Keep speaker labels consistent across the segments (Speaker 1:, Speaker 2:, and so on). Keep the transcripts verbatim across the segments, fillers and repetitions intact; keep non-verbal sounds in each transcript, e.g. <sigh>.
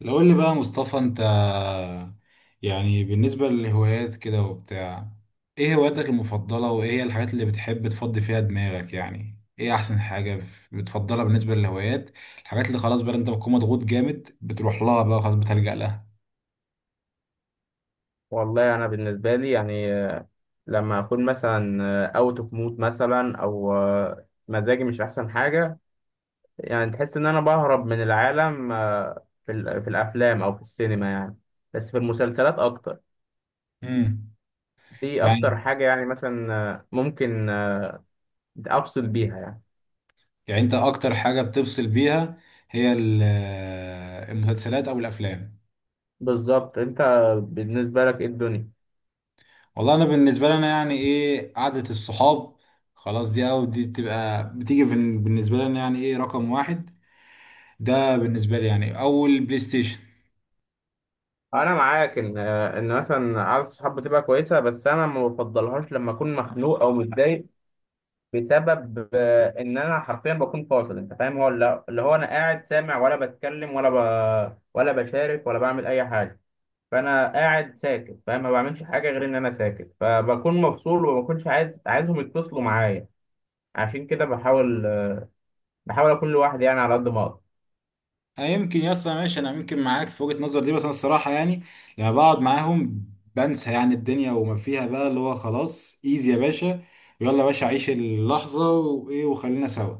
Speaker 1: لو قول لي بقى يا مصطفى، انت يعني بالنسبة للهوايات كده وبتاع، ايه هواياتك المفضلة وايه هي الحاجات اللي بتحب تفضي فيها دماغك؟ يعني ايه احسن حاجة ف- بتفضلها بالنسبة للهوايات؟ الحاجات اللي خلاص بقى انت بتكون مضغوط جامد بتروح لها بقى، خلاص بتلجأ لها.
Speaker 2: والله انا بالنسبه لي يعني آه، لما اكون مثلا آه، اوت اوف مود مثلا او آه، مزاجي مش احسن حاجه. يعني تحس ان انا بهرب من العالم آه، في ال- في الافلام او في السينما يعني. بس في المسلسلات اكتر.
Speaker 1: امم.
Speaker 2: دي
Speaker 1: يعني،
Speaker 2: اكتر حاجه يعني، مثلا آه، ممكن آه، افصل بيها يعني.
Speaker 1: يعني انت اكتر حاجة بتفصل بيها هي ال- المسلسلات او الافلام؟
Speaker 2: بالظبط. انت بالنسبه لك ايه الدنيا؟
Speaker 1: والله انا بالنسبه لي انا يعني ايه قعده الصحاب، خلاص دي او دي بتبقى بتيجي بن- بالنسبه لي انا يعني ايه رقم واحد. ده بالنسبه لي يعني اول بلاي ستيشن.
Speaker 2: انا معاك ان آه، ان مثلا قعده الصحاب بتبقى كويسه، بس انا ما بفضلهاش لما اكون مخنوق او متضايق، بسبب آه، ان انا حرفيا بكون فاصل. انت فاهم؟ هو لا- اللي هو انا قاعد سامع، ولا بتكلم، ولا ب... ولا بشارك، ولا بعمل اي حاجه. فانا قاعد ساكت، فاهم، ما بعملش حاجه غير ان انا ساكت، فبكون مفصول، وما بكونش عايز عايزهم يتصلوا معايا. عشان كده بحاول بحاول اكون لوحدي يعني، على قد ما اقدر.
Speaker 1: أه يمكن يا اسطى ماشي، انا يمكن معاك في وجهه نظر دي، بس انا الصراحه يعني لما بقعد معاهم بنسى يعني الدنيا وما فيها بقى، اللي هو خلاص ايزي يا باشا، يلا يا باشا عيش اللحظه وايه وخلينا سوا.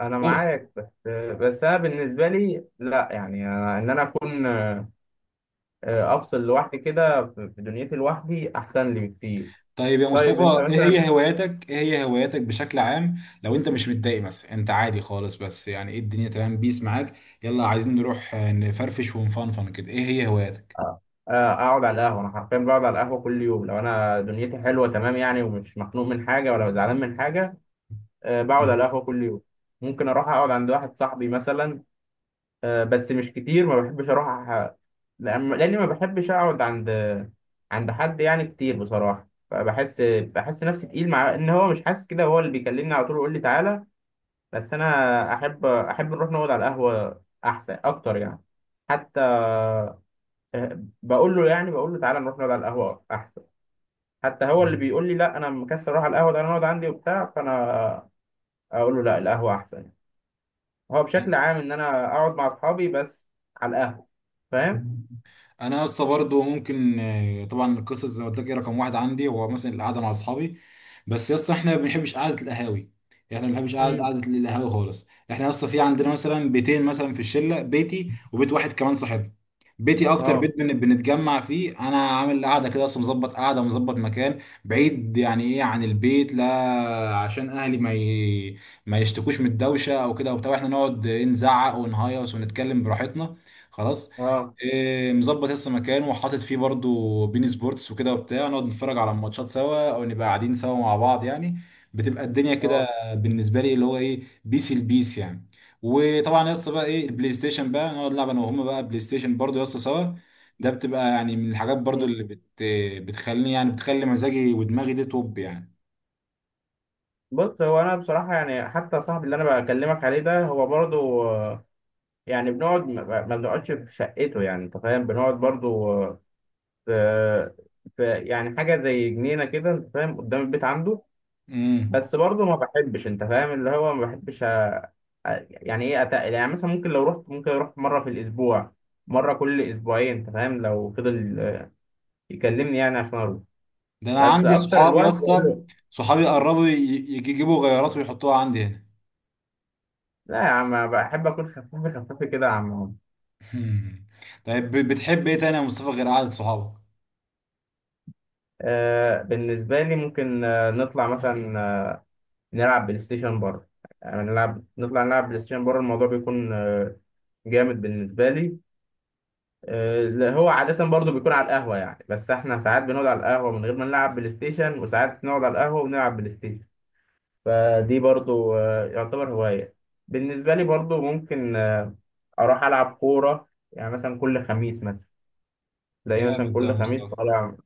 Speaker 2: انا
Speaker 1: بس.
Speaker 2: معاك، بس بس انا بالنسبه لي لا يعني، أنا ان انا اكون آه، افصل لوحدي كده، في في دنيتي، لوحدي احسن لي بكتير.
Speaker 1: طيب يا
Speaker 2: طيب انت
Speaker 1: مصطفى ايه
Speaker 2: مثلا.
Speaker 1: هي هواياتك، ايه هي هواياتك بشكل عام؟ لو انت مش متضايق مثلا، انت عادي خالص بس يعني ايه الدنيا تمام بيس معاك، يلا عايزين نروح آه، نفرفش ونفنفن كده، ايه هي هواياتك؟
Speaker 2: آه. آه، اقعد على القهوه. انا حرفيا بقعد على القهوه كل يوم لو انا دنيتي حلوه تمام يعني، ومش مخنوق من حاجه ولا زعلان من حاجه. أه، بقعد على القهوه كل يوم. ممكن اروح اقعد عند واحد صاحبي مثلا. أه، بس مش كتير. ما بحبش اروح أح- لأن لأني ما بحبش اقعد عند عند حد يعني كتير بصراحه. فبحس بحس نفسي تقيل، مع ان هو مش حاسس كده، هو اللي بيكلمني على طول يقول لي تعالى. بس انا احب احب نروح نقعد على القهوه احسن اكتر يعني. حتى آه، بقول له يعني بقول له تعالى نروح نقعد على القهوة أحسن. حتى هو اللي بيقول لي
Speaker 1: <laughs>
Speaker 2: لا، أنا مكسل أروح على القهوة، ده أنا أقعد عندي وبتاع، فأنا أقول له لا، القهوة أحسن يعني. هو بشكل عام إن أنا أقعد مع أصحابي، بس على القهوة. فاهم؟
Speaker 1: انا لسه برضه ممكن آه، طبعا القصص زي ما قلت لك إيه رقم واحد عندي هو مثلا القعده مع اصحابي. بس لسه احنا ما بنحبش قعده القهاوي، احنا ما بنحبش قعده
Speaker 2: امم.
Speaker 1: قعده القهاوي خالص. احنا لسه في عندنا مثلا بيتين مثلا في الشله، بيتي وبيت واحد كمان صاحبي. بيتي اكتر
Speaker 2: اه.
Speaker 1: بيت بن- بنتجمع فيه، انا عامل قاعده كده اصلا، مظبط قاعده ومظبط مكان بعيد يعني ايه عن البيت لا عشان اهلي ما ي... ما يشتكوش من الدوشه او كده وبتاع. احنا نقعد إيه، نزعق ونهيص ونتكلم براحتنا. خلاص.
Speaker 2: اه.
Speaker 1: إيه، مظبط لسه مكان وحاطط فيه برضو بين سبورتس وكده وبتاع، نقعد نتفرج على الماتشات سوا او نبقى قاعدين سوا مع بعض يعني. بتبقى الدنيا كده
Speaker 2: اه.
Speaker 1: بالنسبه لي، اللي هو ايه بيس البيس يعني. وطبعا يا اسطى بقى ايه البلاي ستيشن بقى، نقعد نلعب انا وهم بقى بلاي ستيشن برضو يا اسطى سوا. ده بتبقى يعني من الحاجات برضو
Speaker 2: مم.
Speaker 1: اللي بت بتخليني، يعني بتخلي مزاجي ودماغي دي توب يعني.
Speaker 2: بص، هو أنا بصراحة يعني حتى صاحبي اللي أنا بكلمك عليه ده، هو برضو آه، يعني بنقعد ما ما بنقعدش في شقته يعني. أنت فاهم، بنقعد برضو آه، في في يعني حاجة زي جنينة كده، أنت فاهم، قدام البيت عنده.
Speaker 1: امم.
Speaker 2: بس برضه ما بحبش، انت فاهم اللي هو ما بحبش أ- يعني ايه اتقل. يعني مثلا ممكن لو رحت ممكن اروح مره في الاسبوع، مره كل اسبوعين. انت فاهم لو فضل آه، يكلمني يعني عشان اروح.
Speaker 1: ده انا
Speaker 2: بس
Speaker 1: عندي
Speaker 2: اكتر
Speaker 1: صحابي يا
Speaker 2: الوقت.
Speaker 1: اسطى، صحابي قربوا ي- يجيبوا غيارات ويحطوها عندي هنا.
Speaker 2: لا يا عم، بحب اكون خفيف خفيف كده يا عم عمر.
Speaker 1: مم. طيب ب- بتحب ايه تاني يا مصطفى غير قعدة صحابك؟
Speaker 2: آه، بالنسبه لي ممكن آه، نطلع مثلا آه، نلعب بلاي ستيشن بره. يعني نلعب نطلع نلعب بلاي ستيشن بره. الموضوع بيكون آه، جامد بالنسبه لي. آه، لا، هو عادة برضو بيكون على القهوة يعني، بس احنا ساعات بنقعد على القهوة من غير ما نلعب بلاي ستيشن، وساعات نقعد على القهوة ونلعب بلاي ستيشن. فدي برضو آه، يعتبر هواية. بالنسبة لي برضو ممكن آه، أروح ألعب كورة يعني مثلا كل خميس، مثلا تلاقيه مثلا
Speaker 1: جامد ده يا
Speaker 2: كل خميس
Speaker 1: مصطفى،
Speaker 2: طالع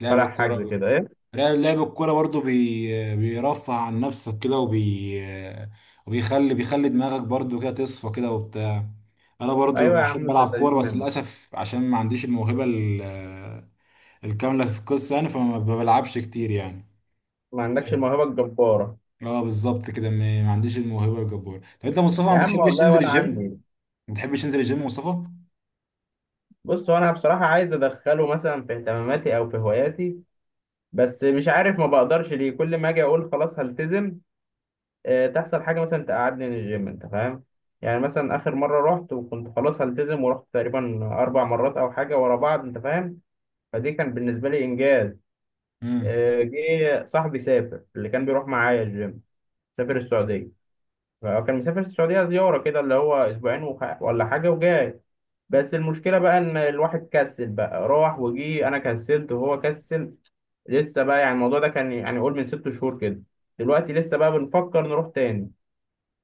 Speaker 1: لعب
Speaker 2: طالع حجز
Speaker 1: الكورة.
Speaker 2: كده إيه.
Speaker 1: لعب لعب الكورة برضو بي... بيرفع عن نفسك كده وبي، وبيخلي بيخلي دماغك برضو كده تصفى كده وبتاع. انا برضو
Speaker 2: أيوة يا
Speaker 1: بحب
Speaker 2: عم، في
Speaker 1: العب
Speaker 2: اللذيذ
Speaker 1: كورة بس
Speaker 2: منك.
Speaker 1: للاسف عشان ما عنديش الموهبة ال... الكاملة في القصة يعني، فما بلعبش كتير يعني.
Speaker 2: ما عندكش الموهبة الجبارة.
Speaker 1: اه بالظبط كده، ما ما عنديش الموهبة الجبارة. طب انت يا مصطفى ما
Speaker 2: يا عم
Speaker 1: بتحبش
Speaker 2: والله،
Speaker 1: تنزل
Speaker 2: ولا
Speaker 1: الجيم؟
Speaker 2: عندي.
Speaker 1: ما بتحبش تنزل الجيم يا مصطفى؟
Speaker 2: بص، هو أنا بصراحة عايز أدخله مثلا في اهتماماتي أو في هواياتي، بس مش عارف ما بقدرش ليه، كل ما أجي أقول خلاص هلتزم آه، تحصل حاجة مثلا تقعدني من الجيم، أنت فاهم. يعني مثلا آخر مرة رحت وكنت خلاص هلتزم، ورحت تقريبا أربع مرات أو حاجة ورا بعض، أنت فاهم. فدي كان بالنسبة لي إنجاز.
Speaker 1: امم.
Speaker 2: آه، جه صاحبي سافر، اللي كان بيروح معايا الجيم سافر السعودية. فكان مسافر السعودية زيارة كده، اللي هو أسبوعين وح- ولا حاجة وجاي. بس المشكلة بقى إن الواحد كسل بقى، راح وجي، أنا كسلت وهو كسل. لسه بقى يعني الموضوع ده كان يعني قول من ست شهور كده. دلوقتي لسه بقى بنفكر نروح تاني.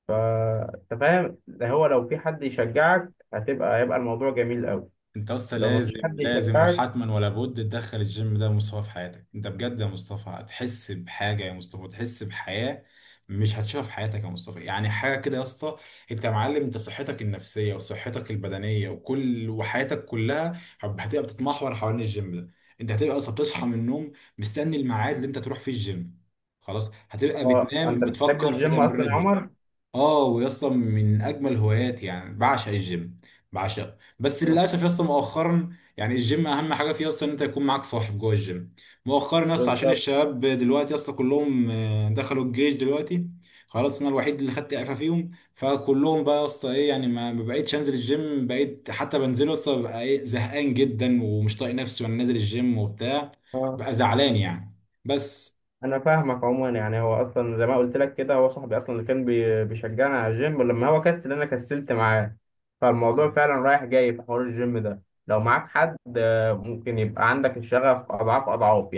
Speaker 2: فانت فاهم، ده هو لو في حد يشجعك هتبقى هيبقى الموضوع جميل قوي.
Speaker 1: انت اصلا
Speaker 2: لو ما
Speaker 1: لازم
Speaker 2: فيش حد
Speaker 1: لازم
Speaker 2: يشجعك.
Speaker 1: وحتما ولا بد تدخل الجيم ده يا مصطفى في حياتك، انت بجد يا مصطفى هتحس بحاجه يا مصطفى، تحس بحياه مش هتشوفها في حياتك يا مصطفى، يعني حاجه كده يا اسطى. انت يا معلم، انت صحتك النفسيه وصحتك البدنيه وكل وحياتك كلها هب- هتبقى بتتمحور حوالين الجيم ده. انت هتبقى اصلا بتصحى من النوم مستني الميعاد اللي انت تروح فيه الجيم. خلاص هتبقى
Speaker 2: اه،
Speaker 1: بتنام
Speaker 2: انت بتحب
Speaker 1: بتفكر في
Speaker 2: الجيم اصلا يا
Speaker 1: تمرين بكره.
Speaker 2: عمر؟
Speaker 1: اه ويا اسطى من اجمل هواياتي يعني، بعشق الجيم. بعشق بس
Speaker 2: آه،
Speaker 1: للاسف يا اسطى مؤخرا يعني، الجيم اهم حاجه فيه اصلا ان انت يكون معاك صاحب جوه الجيم. مؤخرا يا اسطى عشان
Speaker 2: بالظبط.
Speaker 1: الشباب دلوقتي يا اسطى كلهم آه، دخلوا الجيش دلوقتي. خلاص انا الوحيد اللي خدت اعفاء فيهم، فكلهم بقى يا اسطى ايه يعني، ما ما بقيتش انزل الجيم، بقيت حتى بنزله يا اسطى ببقى ايه زهقان جدا ومش طايق نفسي وانا نازل الجيم وبتاع.
Speaker 2: اه.
Speaker 1: بقى زعلان يعني. بس.
Speaker 2: انا فاهمك عموما يعني. هو اصلا زي ما قلت لك كده، هو صاحبي اصلا اللي كان بي- بيشجعني على الجيم، ولما هو كسل انا كسلت معاه. فالموضوع فعلا رايح جاي في حوار الجيم ده. لو معاك حد آه، ممكن يبقى عندك الشغف اضعاف اضعاف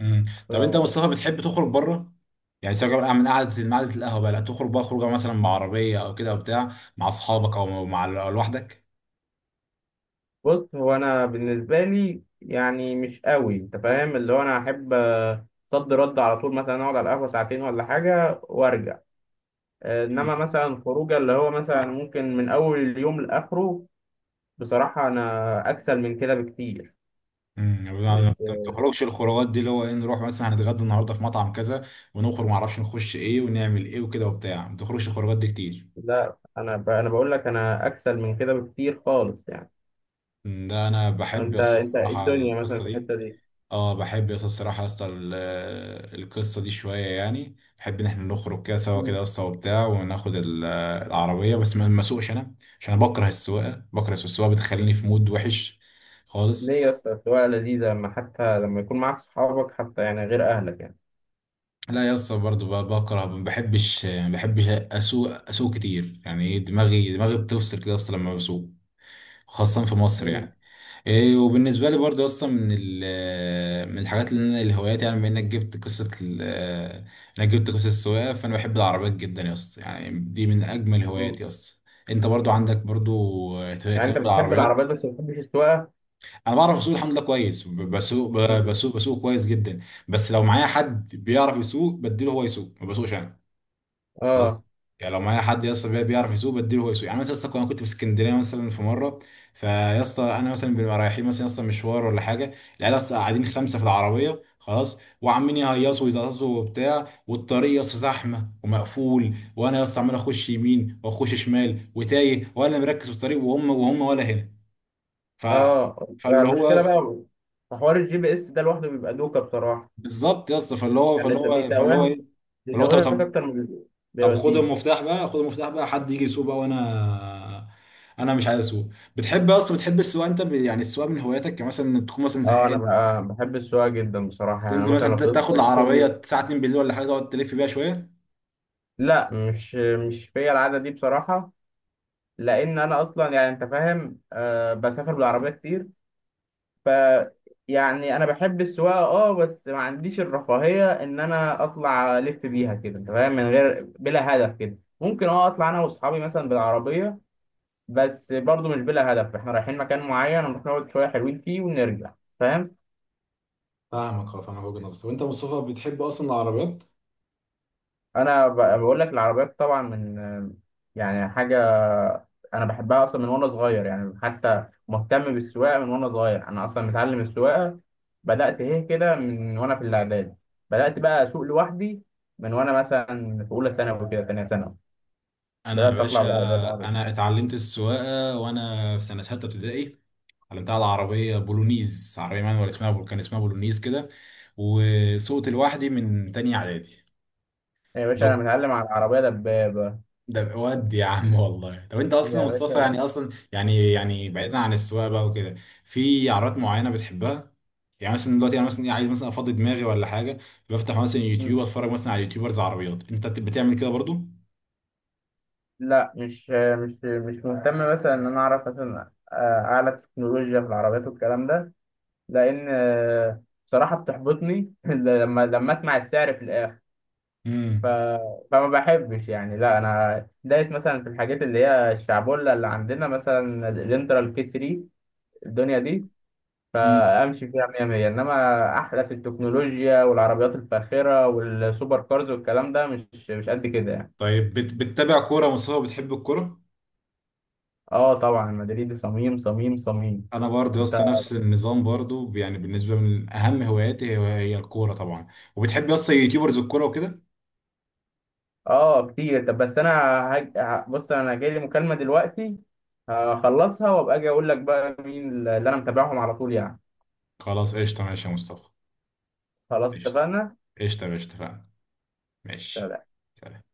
Speaker 1: مم. طب
Speaker 2: يعني.
Speaker 1: انت يا مصطفى بتحب تخرج بره، يعني سواء بقى من قعده من قعده القهوه بقى، لا تخرج بقى خروجه مثلا بعربيه او كده او بتاع مع اصحابك او مع أو لوحدك؟
Speaker 2: بص، هو انا بالنسبه لي يعني مش قوي. انت فاهم اللي هو انا احب آه، صد رد على طول، مثلا اقعد على القهوه ساعتين ولا حاجه وارجع. آه، انما مثلا خروجه اللي هو مثلا ممكن من اول اليوم لاخره. بصراحه انا اكسل من كده بكتير.
Speaker 1: امم ما
Speaker 2: مش...
Speaker 1: بتخرجش الخروجات دي اللي هو ايه، نروح مثلا هنتغدى النهارده في مطعم كذا، ونخرج معرفش نخش ايه ونعمل ايه وكده وبتاع، ما بتخرجش الخروجات دي كتير؟
Speaker 2: لا، انا ب... انا بقول لك انا اكسل من كده بكتير خالص يعني.
Speaker 1: مم، ده انا بحب
Speaker 2: انت
Speaker 1: الص-
Speaker 2: انت إيه
Speaker 1: الصراحه
Speaker 2: الدنيا مثلا
Speaker 1: القصه
Speaker 2: في
Speaker 1: دي.
Speaker 2: الحته دي؟
Speaker 1: اه بحب يس الصراحة يا اسطى، ال- القصة دي شوية. يعني بحب ان احنا نخرج كده سوا كده
Speaker 2: مم.
Speaker 1: يا اسطى وبتاع، وناخد ال- العربية، بس ما ما اسوقش انا عشان انا بكره السواقة بكره السواقة بتخليني في مود وحش خالص.
Speaker 2: ليه يا اسطى؟ السواقه لذيذه، لما حتى لما يكون معاك صحابك حتى يعني، غير اهلك يعني.
Speaker 1: لا يا اسطى برضه ب- بكره، ما بحبش ما بحبش اسوق اسوق كتير يعني، دماغي دماغي بتفصل كده يا اسطى لما بسوق، خاصة في مصر يعني. إيه وبالنسبة لي برضه أصلا من ال- من الحاجات اللي أنا الهوايات، يعني بما إنك جبت قصة ال- إنك جبت قصة السواقة، فأنا بحب العربيات جدا يا اسطى، يعني دي من أجمل
Speaker 2: مم.
Speaker 1: هواياتي أصلا. أنت برضه عندك برضه
Speaker 2: يعني انت
Speaker 1: اهتمام
Speaker 2: بتحب
Speaker 1: بالعربيات؟
Speaker 2: العربيات بس ما بتحبش السواقه؟
Speaker 1: أنا بعرف أسوق الحمد لله كويس، ب- بسوق ب-
Speaker 2: مم.
Speaker 1: بسوق بسوق كويس جدا. بس لو معايا حد بيعرف يسوق بديله هو يسوق، ما بسوقش أنا. خلاص.
Speaker 2: اه،
Speaker 1: يعني لو معايا حد يا اسطى بي- بيعرف يسوق بديله هو يسوق. يعني مثلا يا اسطى انا كنت في اسكندريه مثلا في مره، فيا اسطى انا مثلا بنبقى رايحين مثلا يا اسطى مشوار ولا حاجه، العيال اصلا قاعدين خمسه في العربيه خلاص وعمالين يهيصوا ويزقطوا وبتاع، والطريق يا اسطى زحمه ومقفول، وانا يا اسطى عمال اخش يمين واخش شمال وتايه ولا مركز في الطريق، وهم وهم ولا هنا. ف
Speaker 2: اه، يعني
Speaker 1: فاللي هو يا
Speaker 2: المشكله
Speaker 1: اسطى
Speaker 2: بقى في حوار الجي بي اس ده لوحده بيبقى دوكه بصراحه.
Speaker 1: بالظبط يا اسطى، فاللي هو
Speaker 2: يعني
Speaker 1: فاللي
Speaker 2: انت
Speaker 1: هو فاللي هو
Speaker 2: بيتوهك
Speaker 1: ايه، فاللي هو
Speaker 2: بيتوهك
Speaker 1: طب،
Speaker 2: اكتر من بي-
Speaker 1: طب خد
Speaker 2: بيوديك.
Speaker 1: المفتاح بقى، خد المفتاح بقى حد يجي يسوق بقى، وانا انا مش عايز اسوق. بتحب اصلا، بتحب السواقه انت ب... يعني السواقه من هواياتك، يعني مثلا تكون مثلا
Speaker 2: اه، انا
Speaker 1: زهقان
Speaker 2: بقى بحب السواقه جدا بصراحه، يعني
Speaker 1: تنزل
Speaker 2: مثلا
Speaker 1: مثلا
Speaker 2: لو
Speaker 1: ت-
Speaker 2: فضلت
Speaker 1: تاخد العربيه
Speaker 2: طول.
Speaker 1: الساعه اتنين بالليل ولا حاجه تقعد تلف بيها شويه؟
Speaker 2: لا، مش مش فيا العاده دي بصراحه، لان انا اصلا يعني انت فاهم آه بسافر بالعربيه كتير. ف... يعني انا بحب السواقه اه، بس ما عنديش الرفاهيه ان انا اطلع الف بيها كده انت فاهم، من غير بلا هدف كده. ممكن اه اطلع انا واصحابي مثلا بالعربيه، بس برضو مش بلا هدف، احنا رايحين مكان معين، نروح نقعد شويه حلوين فيه ونرجع، فاهم.
Speaker 1: فاهمك، اه فاهمك وجهة نظرك. طب انت يا مصطفى بتحب اصلا العربيات؟
Speaker 2: انا ب- بقول لك العربيات طبعا من، يعني حاجه، انا بحبها اصلا من وانا صغير يعني، حتى مهتم بالسواقه من وانا صغير، انا اصلا متعلم السواقه. بدات ايه كده من وانا في الاعدادي. بدات بقى اسوق لوحدي من وانا مثلا في اولى ثانوي كده، ثانيه ثانوي.
Speaker 1: انا يا
Speaker 2: بدات اطلع
Speaker 1: باشا،
Speaker 2: بالعربيه بعربي
Speaker 1: انا اتعلمت السواقه وانا في سنه ثالثه ابتدائي، اتعلمتها على عربيه بولونيز، عربيه مانوال اسمها بول، كان اسمها بولونيز كده. وسوقت لوحدي من تانية اعدادي.
Speaker 2: يا باشا. انا
Speaker 1: ده
Speaker 2: متعلم على العربيه دبابه
Speaker 1: ده ود يا عم والله. طب انت اصلا يا
Speaker 2: يا
Speaker 1: مصطفى،
Speaker 2: باشا.
Speaker 1: يعني اصلا، يعني يعني بعيدا عن السواقه بقى وكده، في عربيات معينه بتحبها؟ يعني مثلا دلوقتي انا مثلا ايه عايز مثلا افضي دماغي ولا حاجه، بفتح مثلا يوتيوب
Speaker 2: م-
Speaker 1: اتفرج مثلا على يوتيوبرز عربيات، انت بت- بتعمل كده برضو؟
Speaker 2: لا، مش مش مش مهتم مثلا ان انا اعرف مثلا آه، اعلى تكنولوجيا في العربيات والكلام ده، لان آه، بصراحه بتحبطني <laughs> لما لما اسمع السعر في الاخر. ف...
Speaker 1: امم،
Speaker 2: فما بحبش يعني. لا انا دايس مثلا في الحاجات اللي هي الشعبولة اللي عندنا، مثلا الانترا الكي ثلاثة، الدنيا دي،
Speaker 1: امم.
Speaker 2: فامشي فيها ميه ميه، انما احدث التكنولوجيا والعربيات الفاخره والسوبر كارز والكلام ده مش مش قد كده يعني.
Speaker 1: طيب بت... بتتابع كوره يا مصطفى؟ بتحب الكوره؟
Speaker 2: اه طبعا، مدريد صميم صميم صميم.
Speaker 1: انا برضو يا
Speaker 2: انت؟
Speaker 1: اسطى نفس النظام برضو، يعني بالنسبه من اهم هواياتي هي هي الكوره طبعا. وبتحب يا اسطى يوتيوبرز الكوره وكده؟
Speaker 2: اه كتير. طب بس انا هج... ه- بص انا جاي لي مكالمه دلوقتي، هخلصها وابقى اجي اقول لك بقى مين اللي انا متابعهم على طول يعني.
Speaker 1: خلاص قشطه، ماشي يا مصطفى.
Speaker 2: خلاص
Speaker 1: قشطه.
Speaker 2: اتفقنا.
Speaker 1: قشطه يا باشا، اتفقنا. ماشي. سلام.